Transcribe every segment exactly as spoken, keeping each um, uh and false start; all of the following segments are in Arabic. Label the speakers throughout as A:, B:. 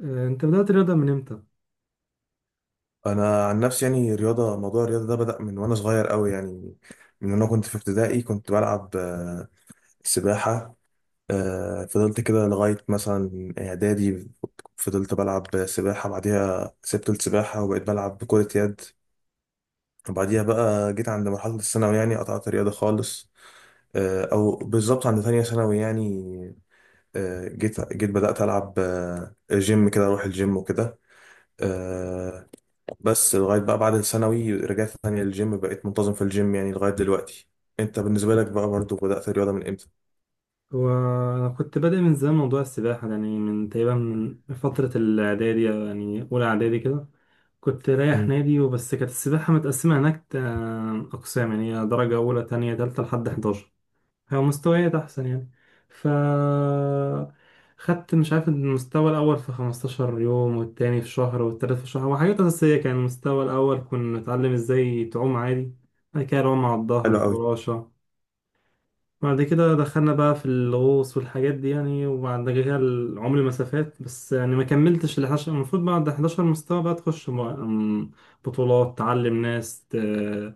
A: آه، انت بدأت رياضة من امتى؟
B: انا عن نفسي يعني رياضه، موضوع الرياضه ده بدا من وانا صغير قوي يعني. من وانا كنت في ابتدائي كنت بلعب آه، سباحه. آه، فضلت كده لغايه مثلا اعدادي. فضلت بلعب سباحه، بعديها سبت السباحه وبقيت بلعب كره يد. وبعديها بقى جيت عند مرحله الثانوي يعني قطعت الرياضه خالص. آه، او بالظبط عند ثانيه ثانوي يعني. آه، جيت جيت بدات العب آه، جيم كده اروح الجيم وكده. آه، بس لغاية بقى بعد الثانوي رجعت تاني للجيم، بقيت منتظم في الجيم يعني لغاية دلوقتي. انت بالنسبة لك بقى برضو بدأت الرياضة من امتى؟
A: هو انا كنت بادئ من زمان موضوع السباحة، يعني من تقريبا من فترة الاعدادي أو يعني اولى اعدادي كده. كنت رايح
B: مم.
A: نادي وبس. كانت السباحة متقسمة هناك آه، اقسام، يعني هي درجة اولى تانية تالتة لحد أحد عشر. هي مستويات احسن يعني. ف خدت مش عارف المستوى الاول في 15 يوم والتاني في شهر والتالت في شهر وحاجات اساسية. كان المستوى الاول كنا نتعلم ازاي تعوم عادي، بعد كده رمى على الظهر
B: حلو قوي.
A: فراشة. بعد كده دخلنا بقى في الغوص والحاجات دي يعني، وبعد كده العمر مسافات بس. يعني ما كملتش ال الحداشر. المفروض بعد 11 مستوى بقى تخش م- أم، بطولات تعلم ناس ت-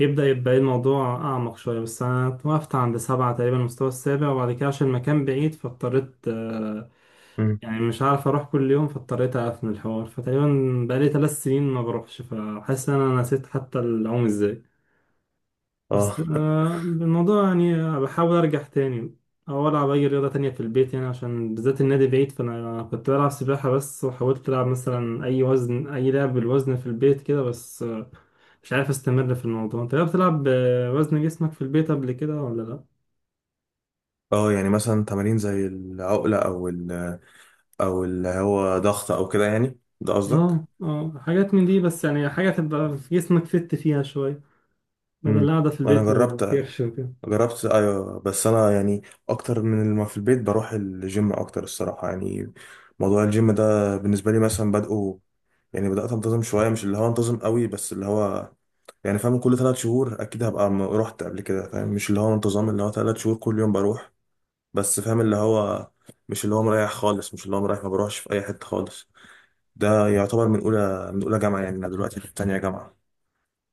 A: يبدأ يبقى إيه الموضوع أعمق شوية. بس أنا توقفت عند سبعة تقريبا، المستوى السابع. وبعد كده عشان المكان بعيد فاضطريت آه،
B: مم.
A: يعني مش عارف أروح كل يوم، فاضطريت أقفل الحوار. فتقريبا بقالي ثلاث سنين ما بروحش، فحاسس إن أنا نسيت حتى العوم إزاي. بس
B: اه.
A: آه الموضوع يعني بحاول ارجع تاني، او العب اي رياضه تانية في البيت يعني عشان بالذات النادي بعيد. فانا كنت بلعب سباحه بس، وحاولت العب مثلا اي وزن، اي لعب بالوزن في البيت كده بس آه مش عارف استمر في الموضوع. انت بتلعب آه، وزن جسمك في البيت قبل كده ولا لا؟
B: اه يعني مثلا تمارين زي العقلة او ال او اللي هو ضغط او كده يعني، ده قصدك؟
A: اه اه حاجات من دي. بس يعني حاجه تبقى في جسمك فت فيها شويه، بدل
B: مم.
A: القعده في
B: انا
A: البيت
B: جربت
A: والكرش وكده.
B: جربت ايوه، بس انا يعني اكتر من ما في البيت بروح الجيم اكتر الصراحه يعني. موضوع الجيم ده بالنسبه لي مثلا بدأه، يعني بدأت انتظم شويه، مش اللي هو انتظم قوي، بس اللي هو يعني فاهم، كل ثلاث شهور اكيد هبقى م- رحت قبل كده فاهم، مش اللي هو انتظام اللي هو ثلاث شهور كل يوم بروح. بس فاهم اللي هو مش اللي هو مريح خالص، مش اللي هو مريح ما بروحش في اي حته خالص. ده يعتبر من اولى من اولى جامعه يعني، انا دلوقتي في تانية جامعه.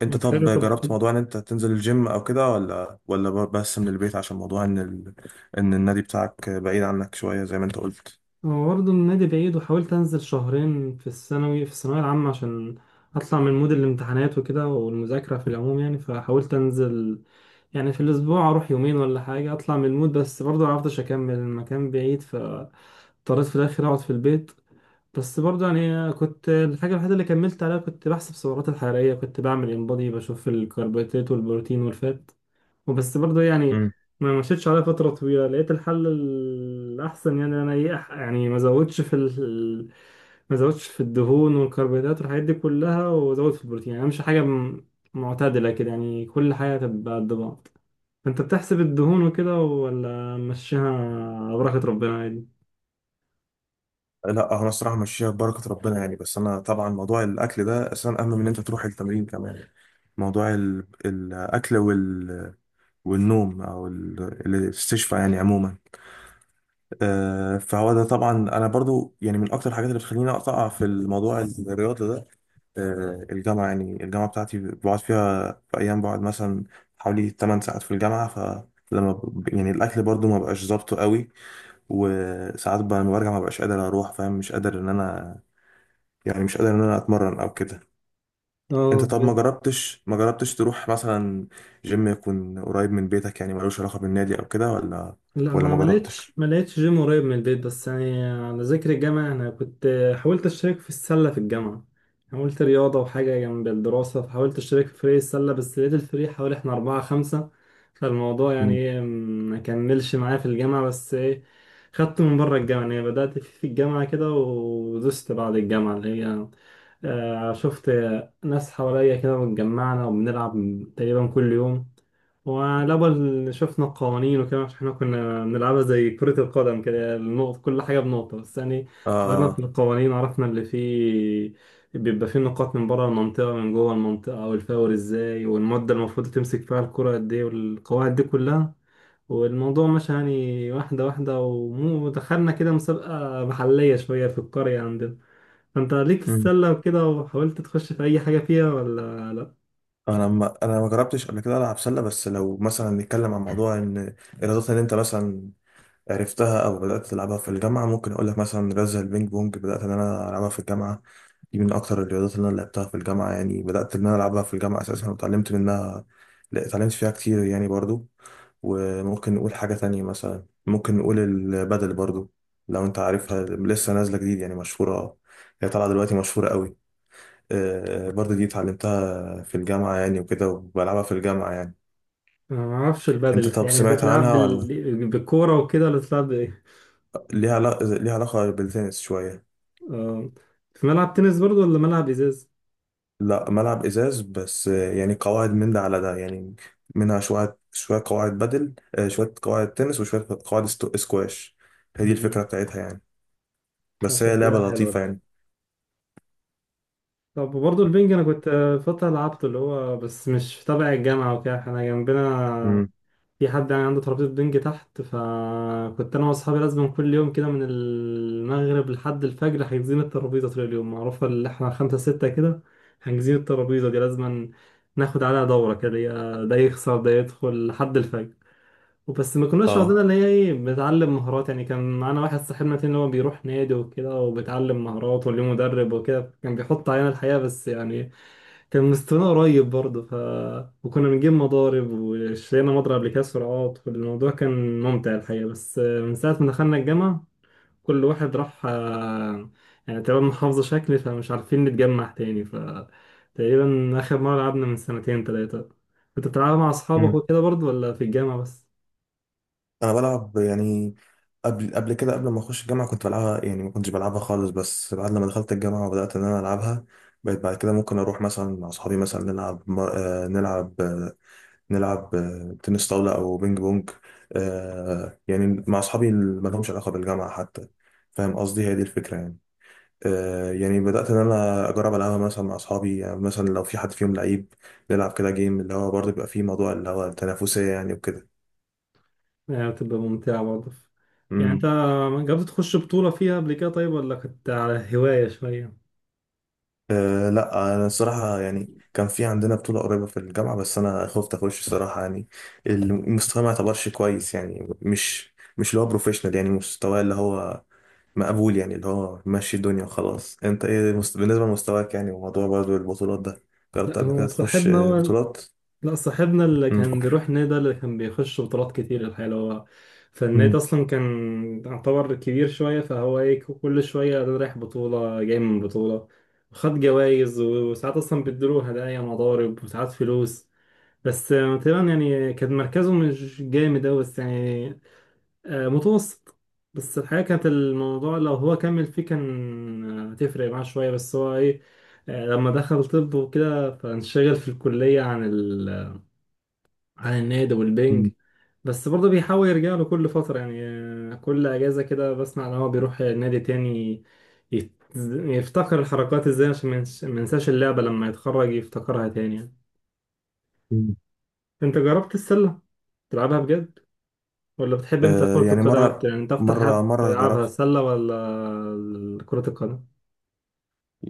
B: انت
A: حلو.
B: طب
A: طب
B: جربت موضوع ان انت تنزل الجيم او كده ولا ولا ب- بس من البيت، عشان موضوع ان ال... ان النادي بتاعك بعيد عنك شويه زي ما انت قلت.
A: هو برضه النادي بعيد، وحاولت انزل شهرين في الثانوي في الثانويه العامه عشان اطلع من مود الامتحانات وكده والمذاكره في العموم يعني. فحاولت انزل يعني في الاسبوع اروح يومين ولا حاجه، اطلع من المود. بس برضه معرفتش اكمل، المكان بعيد فاضطريت في الاخر اقعد في البيت. بس برضه يعني كنت الحاجه الوحيده اللي كملت عليها كنت بحسب السعرات الحراريه. كنت بعمل انبادي بشوف الكربوهيدرات والبروتين والفات. وبس برضه يعني ما مشيتش عليها فترة طويلة. لقيت الحل الأحسن، يعني أنا إيه أح- يعني ما زودش في ال... ما زودش في الدهون والكربوهيدرات والحاجات دي كلها، وزود في البروتين. يعني أمشي حاجة م- معتدلة كده، يعني كل حاجة تبقى قد بعض. فأنت بتحسب الدهون وكده ولا مشيها بركة ربنا عادي؟
B: لا هو انا الصراحه ماشيه ببركه ربنا يعني، بس انا طبعا موضوع الاكل ده اساسا اهم من ان انت تروح التمرين كمان. موضوع ال- الاكل وال، والنوم او ال- الاستشفاء يعني عموما. آه، فهو ده طبعا انا برضو يعني من اكتر الحاجات اللي بتخليني اقطع في الموضوع الرياضه ده. آه، الجامعه يعني الجامعه بتاعتي بقعد فيها في ايام، بقعد مثلا حوالي ثماني ساعات في الجامعه، ف لما ب- يعني الاكل برضو ما بقاش ظابطه قوي. وساعات بقى لما برجع ما بقاش قادر اروح فاهم، مش قادر ان انا يعني مش قادر ان انا اتمرن او كده.
A: اه
B: انت طب ما
A: بجد.
B: جربتش ما جربتش تروح مثلا جيم يكون قريب من بيتك، يعني ملوش علاقة بالنادي او كده، ولا
A: لا
B: ولا
A: هو
B: ما
A: ما لقيتش
B: جربتش؟
A: ما لقيتش جيم قريب من البيت. بس يعني على ذكر الجامعة أنا كنت حاولت أشترك في السلة في الجامعة. حاولت رياضة وحاجة جنب الدراسة، فحاولت أشترك في فريق السلة. بس لقيت الفريق حوالي إحنا أربعة خمسة، فالموضوع يعني
B: مم.
A: إيه ما كملش معايا في الجامعة. بس إيه، خدت من بره الجامعة يعني. بدأت في في الجامعة كده، ودست بعد الجامعة اللي هي آه، شفت ناس حواليا كده واتجمعنا وبنلعب تقريبا كل يوم. وعلى بال شفنا القوانين وكده، عشان احنا كنا بنلعبها زي كرة القدم كده، النقط كل حاجة بنقطة بس. يعني
B: اه.
A: غيرنا في
B: آه.
A: القوانين، عرفنا اللي فيه بيبقى فيه نقاط من بره المنطقة من جوه المنطقة، والفاول ازاي، والمدة المفروض تمسك فيها الكرة قد ايه، والقواعد دي كلها. والموضوع مشى يعني واحدة واحدة، ومو- ودخلنا كده مسابقة محلية شوية في القرية عندنا. فانت ليك في
B: مم.
A: السلة وكده، وحاولت تخش في أي حاجة فيها ولا لأ؟
B: انا ما انا ما جربتش قبل كده العب سله، بس لو مثلا نتكلم عن موضوع ان الرياضات اللي انت مثلا عرفتها او بدات تلعبها في الجامعه، ممكن اقول لك مثلا رياضه زي البينج بونج، بدات ان انا العبها في الجامعه. دي من اكتر الرياضات اللي انا لعبتها في الجامعه يعني، بدات ان انا العبها في الجامعه اساسا وتعلمت منها. لا اتعلمت فيها كتير يعني برضو. وممكن نقول حاجة تانية مثلا، ممكن نقول البدل برضو، لو انت عارفها لسه نازلة جديد يعني مشهورة. آه. هي طالعة دلوقتي مشهورة قوي. آه، آه، برضو دي اتعلمتها في الجامعة يعني وكده وبلعبها في الجامعة يعني.
A: انا ما اعرفش
B: انت
A: البادل،
B: طب
A: يعني
B: سمعت
A: تتلعب
B: عنها ولا؟
A: بال... بالكوره وكده ولا تتلعب بايه؟
B: ليها علا- ليها علاقة بالتنس شوية.
A: آه، في ملعب تنس برضو ولا ملعب ازاز؟
B: لا ملعب ازاز بس، آه، يعني قواعد من ده على ده يعني، منها شوية شوية قواعد بدل، آه، شوية قواعد تنس وشوية قواعد استو- سكواش. هي دي
A: مم.
B: الفكرة بتاعتها يعني.
A: آه،
B: بس هي لعبة
A: شكلها حلو
B: لطيفة
A: الحاجه.
B: يعني.
A: طب برضو البنج انا كنت آه، فتره لعبته، اللي هو بس مش تبع الجامعه وكده. احنا جنبنا
B: امم.
A: في حد يعني عنده ترابيزه بنج تحت، فكنت انا واصحابي لازم كل يوم كده من المغرب لحد الفجر حاجزين الترابيزه طول اليوم، معروفه اللي احنا خمسه سته كده حاجزين الترابيزه دي. لازم ناخد عليها دوره كده، يا ده يخسر ده يدخل لحد الفجر. وبس ما كناش واخدين
B: اه.
A: اللي هي ايه بتعلم مهارات يعني. كان معانا واحد صاحبنا تاني اللي هو بيروح نادي وكده وبيتعلم مهارات وليه مدرب وكده، كان بيحط علينا الحقيقة، بس يعني كان مستوانا قريب برضه. ف وكنا بنجيب مضارب، واشترينا مضرب لكأس سرعات. والموضوع كان ممتع الحقيقة. بس من ساعة ما دخلنا الجامعة كل واحد راح آه، يعني تقريبا محافظة شكل، فمش عارفين نتجمع تاني. ف تقريبا آخر مرة لعبنا من سنتين تلاتة. كنت بتلعبها مع أصحابك وكده برضه، ولا في الجامعة بس؟
B: انا بلعب يعني قبل قبل كده قبل ما اخش الجامعه كنت بلعبها يعني، ما كنتش بلعبها خالص، بس بعد لما دخلت الجامعه وبدات ان انا العبها بقيت بعد كده ممكن اروح مثلا مع اصحابي مثلا نلعب م- آه، نلعب آه، نلعب آه، تنس طاوله او بينج بونج. آه، يعني مع اصحابي اللي ما لهمش علاقه بالجامعه حتى، فاهم قصدي، هي دي الفكره يعني. آه، يعني بدات ان انا اجرب العبها مثلا مع اصحابي، يعني مثلا لو في حد فيهم لعيب نلعب كده جيم، اللي هو برضه بيبقى فيه موضوع اللي هو التنافسيه يعني وكده.
A: يعني بتبقى ممتعة برضه. يعني انت جربت تخش بطولة فيها قبل كده طيب، ولا كنت على هواية شوية؟
B: أه لا، انا الصراحه يعني كان في عندنا بطوله قريبه في الجامعه بس انا خفت اخش الصراحه يعني، المستوى ما يعتبرش كويس يعني، مش مش اللي هو بروفيشنال يعني، مستوى اللي هو مقبول يعني، اللي هو ماشي الدنيا وخلاص. انت ايه مست... بالنسبه لمستواك يعني، وموضوع برضه البطولات ده، جربت
A: لا
B: قبل
A: هو
B: كده تخش
A: صاحبنا
B: آه،
A: هو،
B: بطولات؟
A: لا صاحبنا اللي
B: مم.
A: كان بيروح النادي ده اللي كان بيخش بطولات كتير الحقيقة، اللي هو فالنادي
B: مم.
A: أصلا كان يعتبر كبير شوية. فهو ايه كل شوية ده رايح بطولة جاي من بطولة، وخد جوايز و- وساعات أصلا بيديله هدايا مضارب وساعات فلوس. بس آه، تقريبا يعني كان مركزه مش جامد أوي، بس يعني آه، متوسط. بس الحقيقة كانت الموضوع لو هو كمل فيه كان آه، هتفرق معاه شوية. بس هو ايه آه، لما دخل طب وكده فانشغل في الكلية عن ال عن النادي
B: مم.
A: والبنج. بس برضه بيحاول يرجع له كل فترة يعني آه، كل أجازة كده بسمع إن هو بيروح نادي تاني يت- يفتكر الحركات ازاي عشان ما ينس- ما ينساش اللعبة لما يتخرج يفتكرها تاني يعني.
B: مم.
A: انت جربت السلة تلعبها بجد؟ ولا بتحب انت
B: أه
A: كرة
B: يعني
A: القدم اكتر؟
B: مره،
A: يعني انت اكتر حاجة
B: مره مره
A: بتلعبها
B: جربت.
A: السلة ولا كرة القدم؟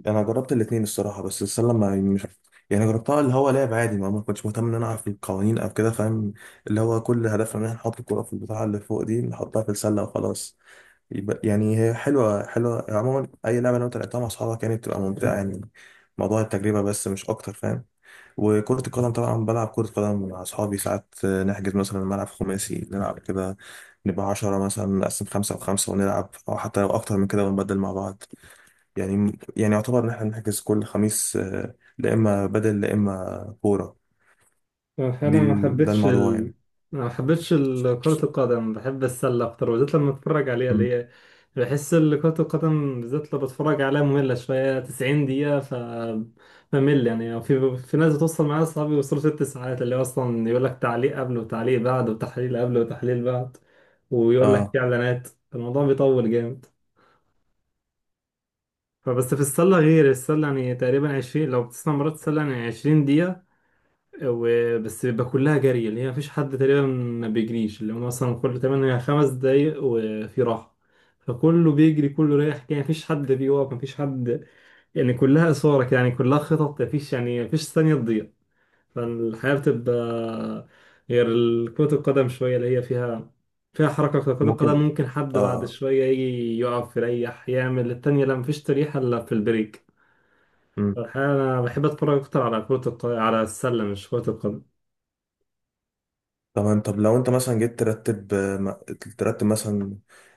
B: انا جربت الاتنين الصراحه، بس السله ما يعني مش، يعني جربتها اللي هو لعب عادي، ما ما كنتش مهتم ان انا اعرف القوانين او كده فاهم، اللي هو كل هدفنا ان احنا نحط الكره في البتاعه اللي فوق دي نحطها في السله وخلاص. يبقى يعني هي حلوه حلوه عموما، اي لعبه لو انت لعبتها مع اصحابك يعني بتبقى ممتعه يعني، موضوع التجربه بس مش اكتر فاهم. وكرة القدم طبعا بلعب كرة قدم مع أصحابي ساعات، آه، نحجز مثلا ملعب خماسي نلعب كده، نبقى عشرة مثلا نقسم خمسة وخمسة ونلعب، أو حتى لو أكتر من كده ونبدل مع بعض. يعني يعني يعتبر ان احنا بنحجز كل خميس، آه، لا اما بدل لا اما كوره.
A: انا
B: دي
A: ما
B: ال- ده
A: حبيتش
B: الموضوع
A: ال...
B: يعني.
A: ما حبيتش ال- كرة القدم، بحب السلة اكتر، وبالذات لما اتفرج عليها
B: مم.
A: اللي هي بحس ال- كرة القدم بالذات لو بتفرج عليها مملة شوية. 90 دقيقة ف بمل يعني. في في ناس بتوصل معايا اصحابي يوصلوا ست ساعات، اللي هو اصلا يقول لك تعليق قبل وتعليق بعد وتحليل قبل وتحليل بعد، ويقول لك
B: اه.
A: في اعلانات. الموضوع بيطول جامد. فبس في السلة غير، السلة يعني تقريبا عشرين لو بتسمع مرات، السلة يعني عشرين دقيقة. وبس بيبقى كلها جري، اللي هي مفيش حد تقريبا ما بيجريش، اللي هو مثلا كل تمانية خمس دقايق وفي راحة. فكله بيجري كله رايح، يعني مفيش حد بيقف مفيش حد، يعني كلها إثارة كده، يعني كلها خطط، مفيش يعني مفيش ثانية تضيع. فالحياة بتبقى غير كرة القدم شوية، اللي هي فيها فيها حركة أكتر. كرة القدم
B: ممكن.
A: ممكن حد بعد
B: اه.
A: شوية يجي يقف يريح يعمل التانية. لا مفيش تريحة إلا في البريك.
B: مم.
A: الحقيقة أنا بحب أتفرج أكتر على كرة الق... على السلة مش كرة القدم.
B: طب طب لو انت مثلا جيت ترتب آه، م- ترتب مثلا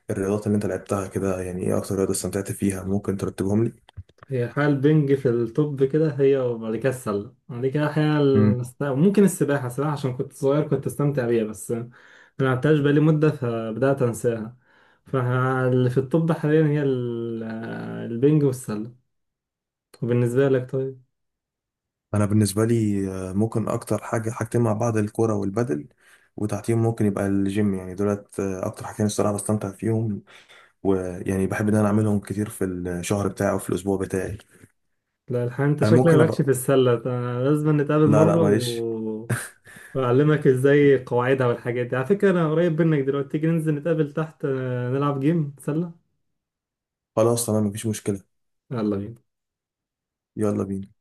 B: الرياضات اللي انت لعبتها كده يعني، ايه اكتر رياضه استمتعت فيها، ممكن ترتبهم لي؟
A: هي الحقيقة البنج في التوب كده، هي وبعد كده السلة، بعد كده الحقيقة
B: مم.
A: الس- ممكن السباحة. السباحة عشان كنت صغير كنت أستمتع بيها، بس ما لعبتهاش بقالي مدة فبدأت أنساها. فاللي في التوب حاليا هي ال- البنج والسلة. وبالنسبة لك طيب؟
B: انا بالنسبه لي آه، ممكن اكتر حاجه، حاجتين مع بعض، الكوره والبدل، وتحتيهم ممكن يبقى الجيم يعني. دولت آه، اكتر حاجتين الصراحه بستمتع فيهم، ويعني بحب ان انا اعملهم كتير في الشهر بتاعي او في الاسبوع بتاعي.
A: لا الحقيقة انت
B: انا
A: شكلك
B: ممكن
A: مالكش
B: ابقى.
A: في السلة ده، لازم نتقابل
B: لا لا
A: مرة
B: معلش.
A: و... وأعلمك ازاي قواعدها والحاجات دي. على فكرة انا قريب منك دلوقتي، تيجي ننزل نتقابل تحت آه، نلعب جيم سلة.
B: خلاص تمام مفيش مشكله.
A: يلا بينا
B: يلا بينا.